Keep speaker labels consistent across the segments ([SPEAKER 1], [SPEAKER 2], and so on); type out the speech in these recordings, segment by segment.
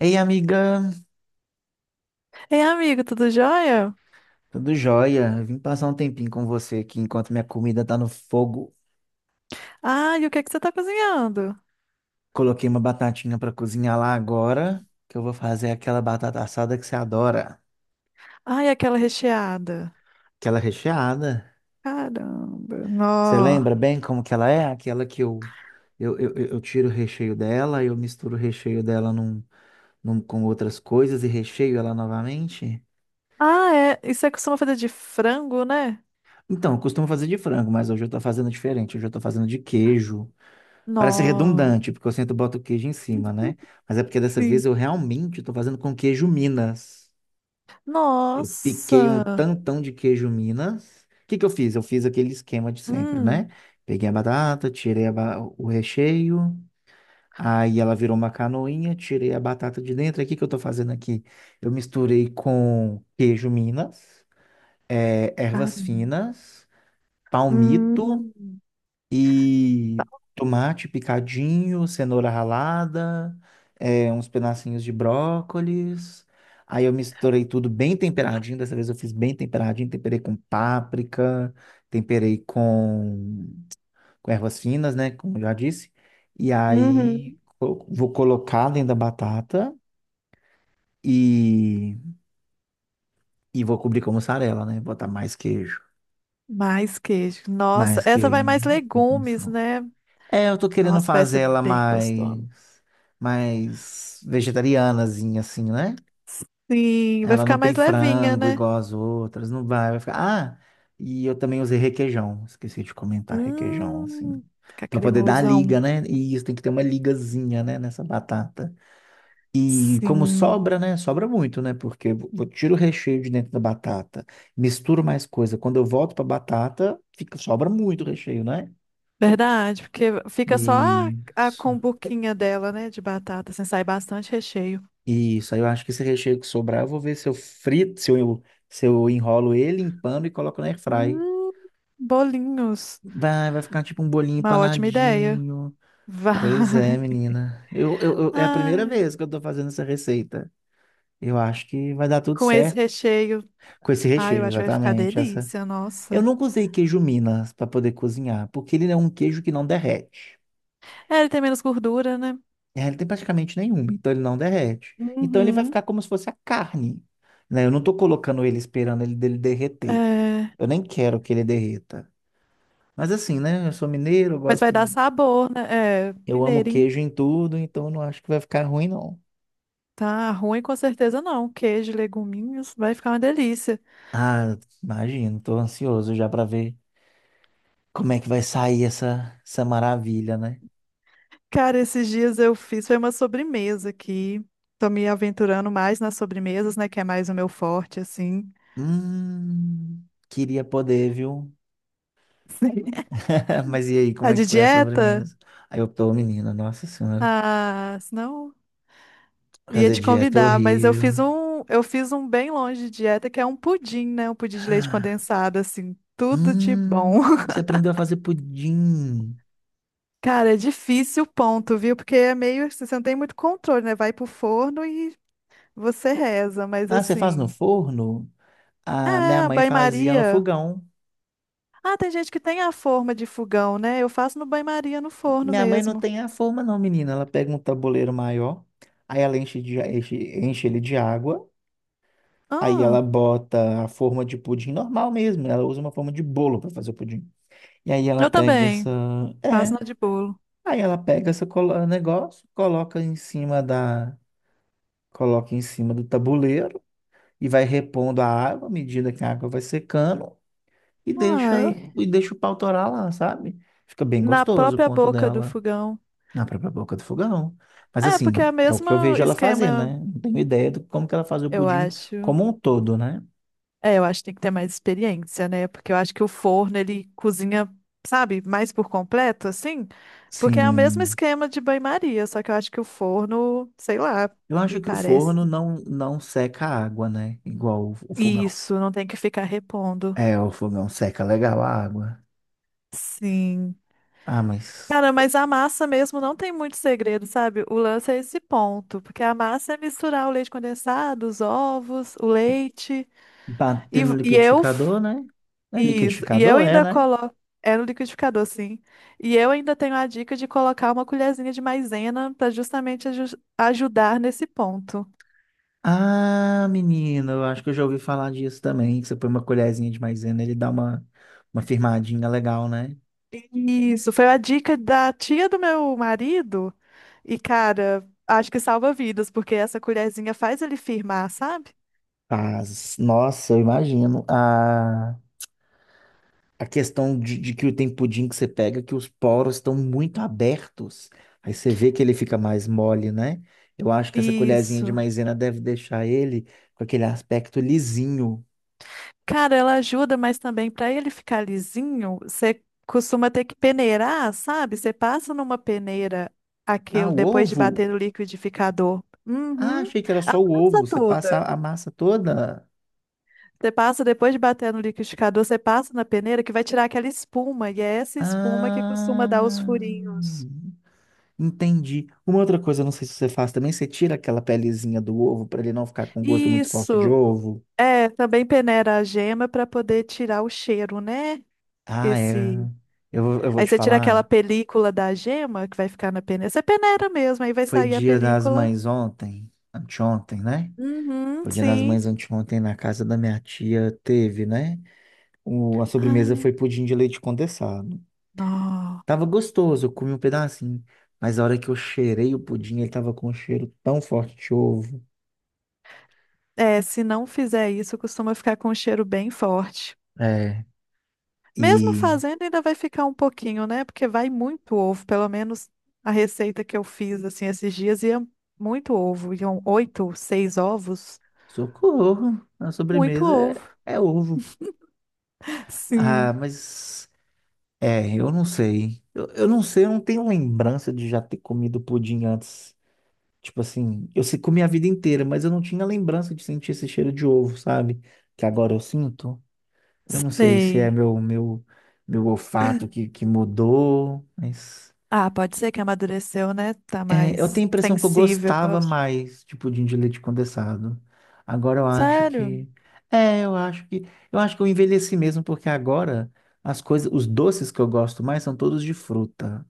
[SPEAKER 1] Ei, amiga,
[SPEAKER 2] Ei, amigo, tudo jóia?
[SPEAKER 1] tudo jóia? Eu vim passar um tempinho com você aqui enquanto minha comida tá no fogo.
[SPEAKER 2] Ai, o que é que você tá cozinhando?
[SPEAKER 1] Coloquei uma batatinha pra cozinhar lá agora, que eu vou fazer aquela batata assada que você adora,
[SPEAKER 2] Ai, aquela recheada.
[SPEAKER 1] aquela recheada.
[SPEAKER 2] Caramba,
[SPEAKER 1] Você
[SPEAKER 2] nó.
[SPEAKER 1] lembra bem como que ela é? Aquela que eu tiro o recheio dela, eu misturo o recheio dela com outras coisas e recheio ela novamente.
[SPEAKER 2] Ah, é. Isso você costuma fazer de frango, né?
[SPEAKER 1] Então, eu costumo fazer de frango, mas hoje eu tô fazendo diferente. Hoje eu tô fazendo de queijo. Parece
[SPEAKER 2] Nó.
[SPEAKER 1] redundante, porque eu sempre boto queijo em cima, né? Mas é porque dessa
[SPEAKER 2] Sim.
[SPEAKER 1] vez eu realmente estou fazendo com queijo Minas. Eu piquei um
[SPEAKER 2] Nossa.
[SPEAKER 1] tantão de queijo Minas. O que que eu fiz? Eu fiz aquele esquema de sempre,
[SPEAKER 2] Hum.
[SPEAKER 1] né? Peguei a batata, tirei o recheio, aí ela virou uma canoinha, tirei a batata de dentro. Aí o que que eu estou fazendo aqui? Eu misturei com queijo Minas,
[SPEAKER 2] Caramba.
[SPEAKER 1] ervas finas, palmito
[SPEAKER 2] Hum.
[SPEAKER 1] e tomate picadinho, cenoura ralada, é, uns pedacinhos de brócolis. Aí eu misturei tudo bem temperadinho. Dessa vez eu fiz bem temperadinho. Temperei com páprica, temperei com ervas finas, né? Como eu já disse. E
[SPEAKER 2] Uhum.
[SPEAKER 1] aí vou colocar dentro da batata e, e vou cobrir com mussarela, né? Botar mais queijo.
[SPEAKER 2] Mais queijo. Nossa,
[SPEAKER 1] Mais
[SPEAKER 2] essa vai mais
[SPEAKER 1] queijo.
[SPEAKER 2] legumes, né?
[SPEAKER 1] É, eu tô querendo
[SPEAKER 2] Nossa, vai
[SPEAKER 1] fazer
[SPEAKER 2] ser
[SPEAKER 1] ela
[SPEAKER 2] bem gostoso.
[SPEAKER 1] mais vegetarianazinha, assim, né?
[SPEAKER 2] Sim, vai
[SPEAKER 1] Ela
[SPEAKER 2] ficar
[SPEAKER 1] não tem
[SPEAKER 2] mais levinha,
[SPEAKER 1] frango
[SPEAKER 2] né?
[SPEAKER 1] igual as outras, não vai, vai ficar. Ah, e eu também usei requeijão, esqueci de comentar requeijão, assim,
[SPEAKER 2] Hum. Fica
[SPEAKER 1] pra poder dar a
[SPEAKER 2] cremosão.
[SPEAKER 1] liga, né? E isso tem que ter uma ligazinha, né, nessa batata. E como
[SPEAKER 2] Sim,
[SPEAKER 1] sobra, né? Sobra muito, né? Porque eu tiro o recheio de dentro da batata, misturo mais coisa. Quando eu volto pra batata, fica, sobra muito recheio, né?
[SPEAKER 2] verdade, porque fica só a,
[SPEAKER 1] E.
[SPEAKER 2] a combuquinha dela, né, de batata, assim, sai bastante recheio.
[SPEAKER 1] Isso, aí eu acho que esse recheio que sobrar, eu vou ver se eu frito, se eu enrolo ele em pano e coloco na airfry.
[SPEAKER 2] Hum, bolinhos,
[SPEAKER 1] Vai ficar tipo um bolinho
[SPEAKER 2] uma ótima ideia.
[SPEAKER 1] empanadinho. Pois é,
[SPEAKER 2] Vai.
[SPEAKER 1] menina. Eu, eu, eu- é a primeira
[SPEAKER 2] Ai,
[SPEAKER 1] vez que eu tô fazendo essa receita. Eu acho que vai dar tudo
[SPEAKER 2] com esse
[SPEAKER 1] certo
[SPEAKER 2] recheio,
[SPEAKER 1] com esse
[SPEAKER 2] ai, eu
[SPEAKER 1] recheio,
[SPEAKER 2] acho que vai ficar
[SPEAKER 1] exatamente. Essa...
[SPEAKER 2] delícia,
[SPEAKER 1] Eu
[SPEAKER 2] nossa.
[SPEAKER 1] nunca usei queijo Minas para poder cozinhar, porque ele é um queijo que não derrete.
[SPEAKER 2] É, ele tem menos gordura, né?
[SPEAKER 1] É, ele tem praticamente nenhuma, então ele não derrete. Então ele vai
[SPEAKER 2] Uhum.
[SPEAKER 1] ficar como se fosse a carne, né? Eu não tô colocando ele esperando ele dele derreter.
[SPEAKER 2] É,
[SPEAKER 1] Eu nem quero que ele derreta. Mas assim, né? Eu sou mineiro, eu
[SPEAKER 2] mas vai
[SPEAKER 1] gosto.
[SPEAKER 2] dar sabor, né? É,
[SPEAKER 1] Eu amo
[SPEAKER 2] mineirinho,
[SPEAKER 1] queijo em tudo, então eu não acho que vai ficar ruim, não.
[SPEAKER 2] tá ruim com certeza não. Queijo, leguminhos, vai ficar uma delícia.
[SPEAKER 1] Ah, imagino, tô ansioso já pra ver como é que vai sair essa maravilha, né?
[SPEAKER 2] Cara, esses dias eu fiz foi uma sobremesa aqui. Tô me aventurando mais nas sobremesas, né? Que é mais o meu forte, assim.
[SPEAKER 1] Hum, queria poder, viu? Mas e aí, como
[SPEAKER 2] A
[SPEAKER 1] é que
[SPEAKER 2] de
[SPEAKER 1] foi a
[SPEAKER 2] dieta?
[SPEAKER 1] sobremesa? Aí eu tô, menina, nossa senhora.
[SPEAKER 2] Ah, senão ia
[SPEAKER 1] Fazer
[SPEAKER 2] te
[SPEAKER 1] dieta é
[SPEAKER 2] convidar, mas eu
[SPEAKER 1] horrível.
[SPEAKER 2] fiz um, eu fiz um bem longe de dieta, que é um pudim, né? Um pudim de leite condensado, assim, tudo de bom.
[SPEAKER 1] Você aprendeu a fazer pudim.
[SPEAKER 2] Cara, é difícil o ponto, viu? Porque é meio, assim, você não tem muito controle, né? Vai pro forno e você reza, mas
[SPEAKER 1] Ah, você faz no
[SPEAKER 2] assim,
[SPEAKER 1] forno? A minha
[SPEAKER 2] ah,
[SPEAKER 1] mãe fazia no
[SPEAKER 2] banho-maria.
[SPEAKER 1] fogão.
[SPEAKER 2] Ah, tem gente que tem a forma de fogão, né? Eu faço no banho-maria, no forno
[SPEAKER 1] Minha mãe não
[SPEAKER 2] mesmo.
[SPEAKER 1] tem a forma, não, menina. Ela pega um tabuleiro maior, aí ela enche ele de água, aí ela
[SPEAKER 2] Ah,
[SPEAKER 1] bota a forma de pudim normal mesmo, né? Ela usa uma forma de bolo para fazer o pudim. E aí ela
[SPEAKER 2] eu
[SPEAKER 1] pega
[SPEAKER 2] também.
[SPEAKER 1] essa.
[SPEAKER 2] Faço
[SPEAKER 1] É.
[SPEAKER 2] na de bolo.
[SPEAKER 1] Aí ela pega esse negócio, coloca em cima da. Coloca em cima do tabuleiro e vai repondo a água à medida que a água vai secando e
[SPEAKER 2] Uai,
[SPEAKER 1] deixa, e deixa o pau torar lá, sabe? Fica bem
[SPEAKER 2] na
[SPEAKER 1] gostoso o
[SPEAKER 2] própria
[SPEAKER 1] ponto
[SPEAKER 2] boca do
[SPEAKER 1] dela.
[SPEAKER 2] fogão.
[SPEAKER 1] Na própria boca do fogão. Mas
[SPEAKER 2] É, porque
[SPEAKER 1] assim,
[SPEAKER 2] é o
[SPEAKER 1] é o que
[SPEAKER 2] mesmo
[SPEAKER 1] eu vejo ela fazer,
[SPEAKER 2] esquema,
[SPEAKER 1] né? Não tenho ideia de como que ela faz o
[SPEAKER 2] eu
[SPEAKER 1] pudim
[SPEAKER 2] acho.
[SPEAKER 1] como um todo, né?
[SPEAKER 2] É, eu acho que tem que ter mais experiência, né? Porque eu acho que o forno, ele cozinha, sabe, mais por completo, assim. Porque é o mesmo
[SPEAKER 1] Sim.
[SPEAKER 2] esquema de banho-maria, só que eu acho que o forno, sei lá,
[SPEAKER 1] Eu
[SPEAKER 2] me
[SPEAKER 1] acho que o forno
[SPEAKER 2] parece.
[SPEAKER 1] não seca a água, né? Igual o fogão.
[SPEAKER 2] Isso, não tem que ficar repondo.
[SPEAKER 1] É, o fogão seca legal a água.
[SPEAKER 2] Sim.
[SPEAKER 1] Ah, mas
[SPEAKER 2] Cara, mas a massa mesmo não tem muito segredo, sabe? O lance é esse ponto, porque a massa é misturar o leite condensado, os ovos, o leite
[SPEAKER 1] bater no
[SPEAKER 2] e eu
[SPEAKER 1] liquidificador, né? É
[SPEAKER 2] isso, e eu
[SPEAKER 1] liquidificador, é,
[SPEAKER 2] ainda
[SPEAKER 1] né?
[SPEAKER 2] coloco é no liquidificador, sim. E eu ainda tenho a dica de colocar uma colherzinha de maisena para justamente ajudar nesse ponto.
[SPEAKER 1] Ah, menino, eu acho que eu já ouvi falar disso também. Que você põe uma colherzinha de maisena, ele dá uma firmadinha legal, né?
[SPEAKER 2] Isso, foi a dica da tia do meu marido. E cara, acho que salva vidas, porque essa colherzinha faz ele firmar, sabe?
[SPEAKER 1] Faz. Nossa, eu imagino. Ah. A questão de que o tem pudim que você pega, que os poros estão muito abertos. Aí você vê que ele fica mais mole, né? Eu acho que essa colherzinha de
[SPEAKER 2] Isso.
[SPEAKER 1] maisena deve deixar ele com aquele aspecto lisinho.
[SPEAKER 2] Cara, ela ajuda, mas também para ele ficar lisinho, você costuma ter que peneirar, sabe? Você passa numa peneira
[SPEAKER 1] Ah,
[SPEAKER 2] aquilo
[SPEAKER 1] o
[SPEAKER 2] depois de
[SPEAKER 1] ovo?
[SPEAKER 2] bater no liquidificador.
[SPEAKER 1] Ah,
[SPEAKER 2] Uhum.
[SPEAKER 1] achei que era
[SPEAKER 2] A
[SPEAKER 1] só o
[SPEAKER 2] massa
[SPEAKER 1] ovo. Você passa
[SPEAKER 2] toda.
[SPEAKER 1] a massa toda.
[SPEAKER 2] Você passa depois de bater no liquidificador, você passa na peneira que vai tirar aquela espuma, e é essa espuma que costuma dar os
[SPEAKER 1] Ah,
[SPEAKER 2] furinhos.
[SPEAKER 1] entendi. Uma outra coisa, não sei se você faz também, você tira aquela pelezinha do ovo para ele não ficar com gosto muito forte de
[SPEAKER 2] Isso.
[SPEAKER 1] ovo.
[SPEAKER 2] É, também peneira a gema para poder tirar o cheiro, né?
[SPEAKER 1] Ah, é.
[SPEAKER 2] Esse
[SPEAKER 1] Eu vou
[SPEAKER 2] Aí
[SPEAKER 1] te
[SPEAKER 2] você tira aquela
[SPEAKER 1] falar.
[SPEAKER 2] película da gema que vai ficar na peneira. Você peneira mesmo, aí vai
[SPEAKER 1] Foi
[SPEAKER 2] sair a
[SPEAKER 1] dia das
[SPEAKER 2] película.
[SPEAKER 1] mães ontem, anteontem, né?
[SPEAKER 2] Uhum,
[SPEAKER 1] Foi dia das
[SPEAKER 2] sim.
[SPEAKER 1] mães anteontem na casa da minha tia, teve, né? A sobremesa
[SPEAKER 2] Ah,
[SPEAKER 1] foi pudim de leite condensado.
[SPEAKER 2] não.
[SPEAKER 1] Tava gostoso, eu comi um pedacinho, mas a hora que eu cheirei o pudim, ele tava com um cheiro tão forte de ovo.
[SPEAKER 2] É, se não fizer isso, costuma ficar com um cheiro bem forte.
[SPEAKER 1] É,
[SPEAKER 2] Mesmo
[SPEAKER 1] e
[SPEAKER 2] fazendo, ainda vai ficar um pouquinho, né? Porque vai muito ovo, pelo menos a receita que eu fiz assim esses dias ia muito ovo. Iam oito, seis ovos.
[SPEAKER 1] socorro, a
[SPEAKER 2] Muito
[SPEAKER 1] sobremesa
[SPEAKER 2] ovo.
[SPEAKER 1] é ovo. Ah,
[SPEAKER 2] Sim,
[SPEAKER 1] mas é, eu não sei. Eu não sei, eu não tenho lembrança de já ter comido pudim antes. Tipo assim, eu comi a vida inteira, mas eu não tinha lembrança de sentir esse cheiro de ovo, sabe? Que agora eu sinto. Eu não sei se é
[SPEAKER 2] sei.
[SPEAKER 1] meu olfato que mudou, mas
[SPEAKER 2] Ah, pode ser que amadureceu, né? Tá
[SPEAKER 1] é, eu
[SPEAKER 2] mais
[SPEAKER 1] tenho a impressão que eu
[SPEAKER 2] sensível.
[SPEAKER 1] gostava mais tipo, de pudim de leite condensado. Agora eu acho
[SPEAKER 2] Sério?
[SPEAKER 1] que é, eu acho que eu envelheci mesmo porque agora as coisas, os doces que eu gosto mais são todos de fruta.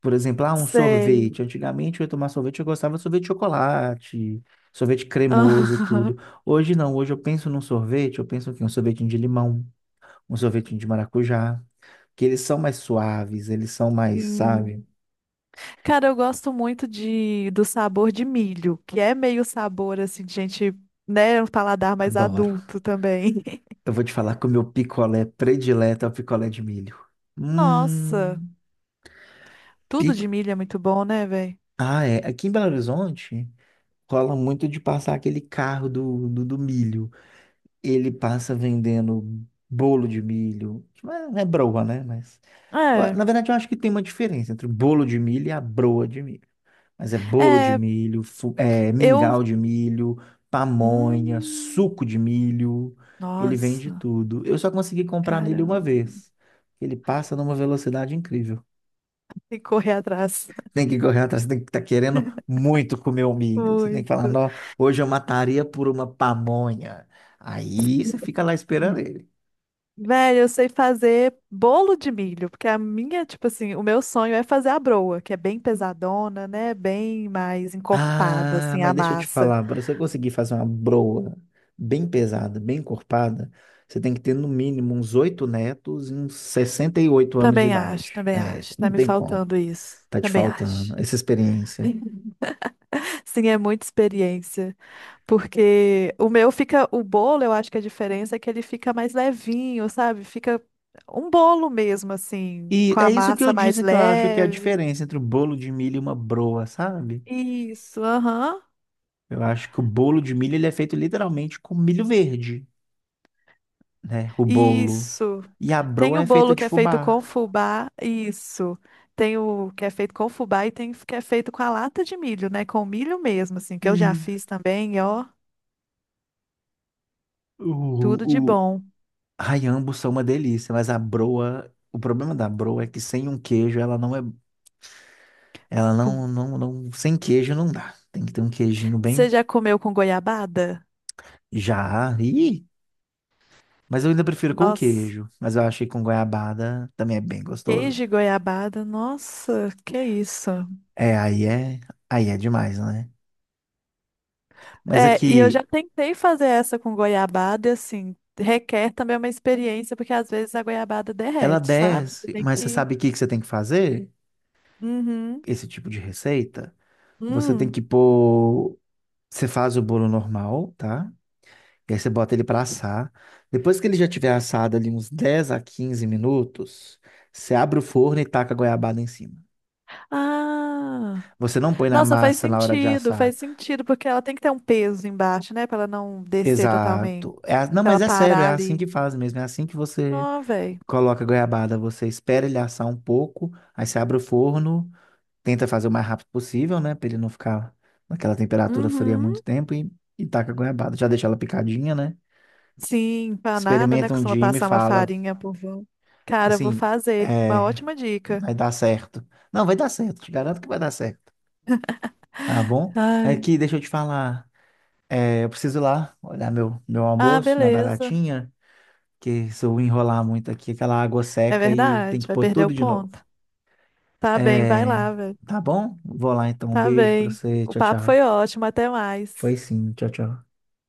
[SPEAKER 1] Por exemplo, ah, um
[SPEAKER 2] Sei.
[SPEAKER 1] sorvete. Antigamente eu ia tomar sorvete, eu gostava de sorvete de chocolate, sorvete cremoso e
[SPEAKER 2] Aham,
[SPEAKER 1] tudo. Hoje não, hoje eu penso num sorvete, eu penso que um sorvetinho de limão, um sorvetinho de maracujá, que eles são mais suaves, eles são mais,
[SPEAKER 2] sim.
[SPEAKER 1] sabe?
[SPEAKER 2] Cara, eu gosto muito de do sabor de milho, que é meio sabor assim de gente, né, um paladar mais
[SPEAKER 1] Adoro.
[SPEAKER 2] adulto também.
[SPEAKER 1] Eu vou te falar que o meu picolé predileto é o picolé de milho.
[SPEAKER 2] Nossa,
[SPEAKER 1] Hum,
[SPEAKER 2] tudo
[SPEAKER 1] pico.
[SPEAKER 2] de milho é muito bom, né, velho?
[SPEAKER 1] Ah, é. Aqui em Belo Horizonte rola muito de passar aquele carro do milho. Ele passa vendendo bolo de milho, que não é broa, né? Mas,
[SPEAKER 2] É,
[SPEAKER 1] na verdade, eu acho que tem uma diferença entre o bolo de milho e a broa de milho. Mas é bolo de
[SPEAKER 2] é,
[SPEAKER 1] milho, é,
[SPEAKER 2] eu,
[SPEAKER 1] mingau de milho, pamonha,
[SPEAKER 2] hum,
[SPEAKER 1] suco de milho. Ele vende
[SPEAKER 2] nossa,
[SPEAKER 1] tudo. Eu só consegui comprar nele
[SPEAKER 2] caramba,
[SPEAKER 1] uma vez. Ele passa numa velocidade incrível.
[SPEAKER 2] tem que correr atrás.
[SPEAKER 1] Tem que correr atrás, tem que estar querendo muito comer o milho. Você tem que falar,
[SPEAKER 2] Muito.
[SPEAKER 1] não, hoje eu mataria por uma pamonha. Aí você fica lá esperando ele.
[SPEAKER 2] Velho, eu sei fazer bolo de milho, porque a minha, tipo assim, o meu sonho é fazer a broa, que é bem pesadona, né? Bem mais encorpada,
[SPEAKER 1] Ah,
[SPEAKER 2] assim,
[SPEAKER 1] mas
[SPEAKER 2] a
[SPEAKER 1] deixa eu te
[SPEAKER 2] massa.
[SPEAKER 1] falar, para você conseguir fazer uma broa bem pesada, bem encorpada, você tem que ter no mínimo uns oito netos e uns 68 anos de
[SPEAKER 2] Também acho,
[SPEAKER 1] idade.
[SPEAKER 2] também
[SPEAKER 1] É,
[SPEAKER 2] acho. Tá
[SPEAKER 1] não
[SPEAKER 2] me
[SPEAKER 1] tem como.
[SPEAKER 2] faltando isso.
[SPEAKER 1] Tá te
[SPEAKER 2] Também acho.
[SPEAKER 1] faltando essa experiência.
[SPEAKER 2] Sim, é muita experiência, porque o meu fica, o bolo, eu acho que a diferença é que ele fica mais levinho, sabe? Fica um bolo mesmo, assim,
[SPEAKER 1] E
[SPEAKER 2] com a
[SPEAKER 1] é isso que eu
[SPEAKER 2] massa mais
[SPEAKER 1] disse que eu acho que é a
[SPEAKER 2] leve.
[SPEAKER 1] diferença entre o bolo de milho e uma broa, sabe?
[SPEAKER 2] Isso, aham.
[SPEAKER 1] Eu acho que o bolo de milho ele é feito literalmente com milho verde, né? O bolo.
[SPEAKER 2] Isso.
[SPEAKER 1] E a
[SPEAKER 2] Tem
[SPEAKER 1] broa
[SPEAKER 2] o
[SPEAKER 1] é feita
[SPEAKER 2] bolo
[SPEAKER 1] de
[SPEAKER 2] que é feito com
[SPEAKER 1] fubá.
[SPEAKER 2] fubá, isso. Tem o que é feito com fubá e tem o que é feito com a lata de milho, né? Com milho mesmo, assim, que eu já
[SPEAKER 1] E
[SPEAKER 2] fiz também, e ó, tudo de
[SPEAKER 1] o, o,
[SPEAKER 2] bom.
[SPEAKER 1] Ai, ambos são uma delícia, mas a broa, o problema da broa é que sem um queijo ela não é, ela não,
[SPEAKER 2] Com-
[SPEAKER 1] não, não, sem queijo não dá. Tem que ter um queijinho bem
[SPEAKER 2] Você já comeu com goiabada?
[SPEAKER 1] já. Ih, mas eu ainda prefiro com
[SPEAKER 2] Nossa,
[SPEAKER 1] queijo, mas eu acho que com goiabada também é bem
[SPEAKER 2] queijo de
[SPEAKER 1] gostoso.
[SPEAKER 2] goiabada, nossa, que isso.
[SPEAKER 1] É, aí é, aí é demais, né? Mas
[SPEAKER 2] É, e eu já
[SPEAKER 1] aqui
[SPEAKER 2] tentei fazer essa com goiabada, e assim, requer também uma experiência, porque às vezes a goiabada
[SPEAKER 1] ela
[SPEAKER 2] derrete, sabe? Você
[SPEAKER 1] desce,
[SPEAKER 2] tem
[SPEAKER 1] mas você
[SPEAKER 2] que.
[SPEAKER 1] sabe o que que você tem que fazer?
[SPEAKER 2] Uhum.
[SPEAKER 1] Esse tipo de receita, você tem
[SPEAKER 2] Hum.
[SPEAKER 1] que pôr, você faz o bolo normal, tá? E aí você bota ele pra assar. Depois que ele já tiver assado ali uns 10 a 15 minutos, você abre o forno e taca a goiabada em cima.
[SPEAKER 2] Ah.
[SPEAKER 1] Você não põe na
[SPEAKER 2] Nossa,
[SPEAKER 1] massa na hora de assar.
[SPEAKER 2] faz sentido, porque ela tem que ter um peso embaixo, né? Pra ela não descer totalmente.
[SPEAKER 1] Exato. Não,
[SPEAKER 2] Pra ela
[SPEAKER 1] mas é sério, é
[SPEAKER 2] parar
[SPEAKER 1] assim
[SPEAKER 2] ali.
[SPEAKER 1] que faz mesmo. É assim que você
[SPEAKER 2] Ó, velho.
[SPEAKER 1] coloca a goiabada. Você espera ele assar um pouco, aí você abre o forno, tenta fazer o mais rápido possível, né? Pra ele não ficar naquela temperatura fria
[SPEAKER 2] Uhum.
[SPEAKER 1] muito tempo e taca a goiabada. Já deixa ela picadinha, né?
[SPEAKER 2] Sim, empanada, né?
[SPEAKER 1] Experimenta um
[SPEAKER 2] Costuma
[SPEAKER 1] dia e me
[SPEAKER 2] passar uma
[SPEAKER 1] fala.
[SPEAKER 2] farinha por volta. Cara, eu vou
[SPEAKER 1] Assim,
[SPEAKER 2] fazer. Uma
[SPEAKER 1] é.
[SPEAKER 2] ótima dica.
[SPEAKER 1] Vai dar certo. Não, vai dar certo. Te garanto que vai dar certo. Tá bom? Mas
[SPEAKER 2] Ai.
[SPEAKER 1] aqui, deixa eu te falar. É, eu preciso ir lá olhar meu
[SPEAKER 2] Ah,
[SPEAKER 1] almoço, minha
[SPEAKER 2] beleza.
[SPEAKER 1] batatinha, que se eu enrolar muito aqui, aquela água
[SPEAKER 2] É
[SPEAKER 1] seca e tem
[SPEAKER 2] verdade,
[SPEAKER 1] que
[SPEAKER 2] vai
[SPEAKER 1] pôr
[SPEAKER 2] perder o
[SPEAKER 1] tudo de novo.
[SPEAKER 2] ponto. Tá bem, vai
[SPEAKER 1] É,
[SPEAKER 2] lá, velho.
[SPEAKER 1] tá bom? Vou lá então. Um
[SPEAKER 2] Tá
[SPEAKER 1] beijo pra
[SPEAKER 2] bem.
[SPEAKER 1] você.
[SPEAKER 2] O
[SPEAKER 1] Tchau,
[SPEAKER 2] papo
[SPEAKER 1] tchau.
[SPEAKER 2] foi ótimo, até
[SPEAKER 1] Foi
[SPEAKER 2] mais.
[SPEAKER 1] sim. Tchau, tchau.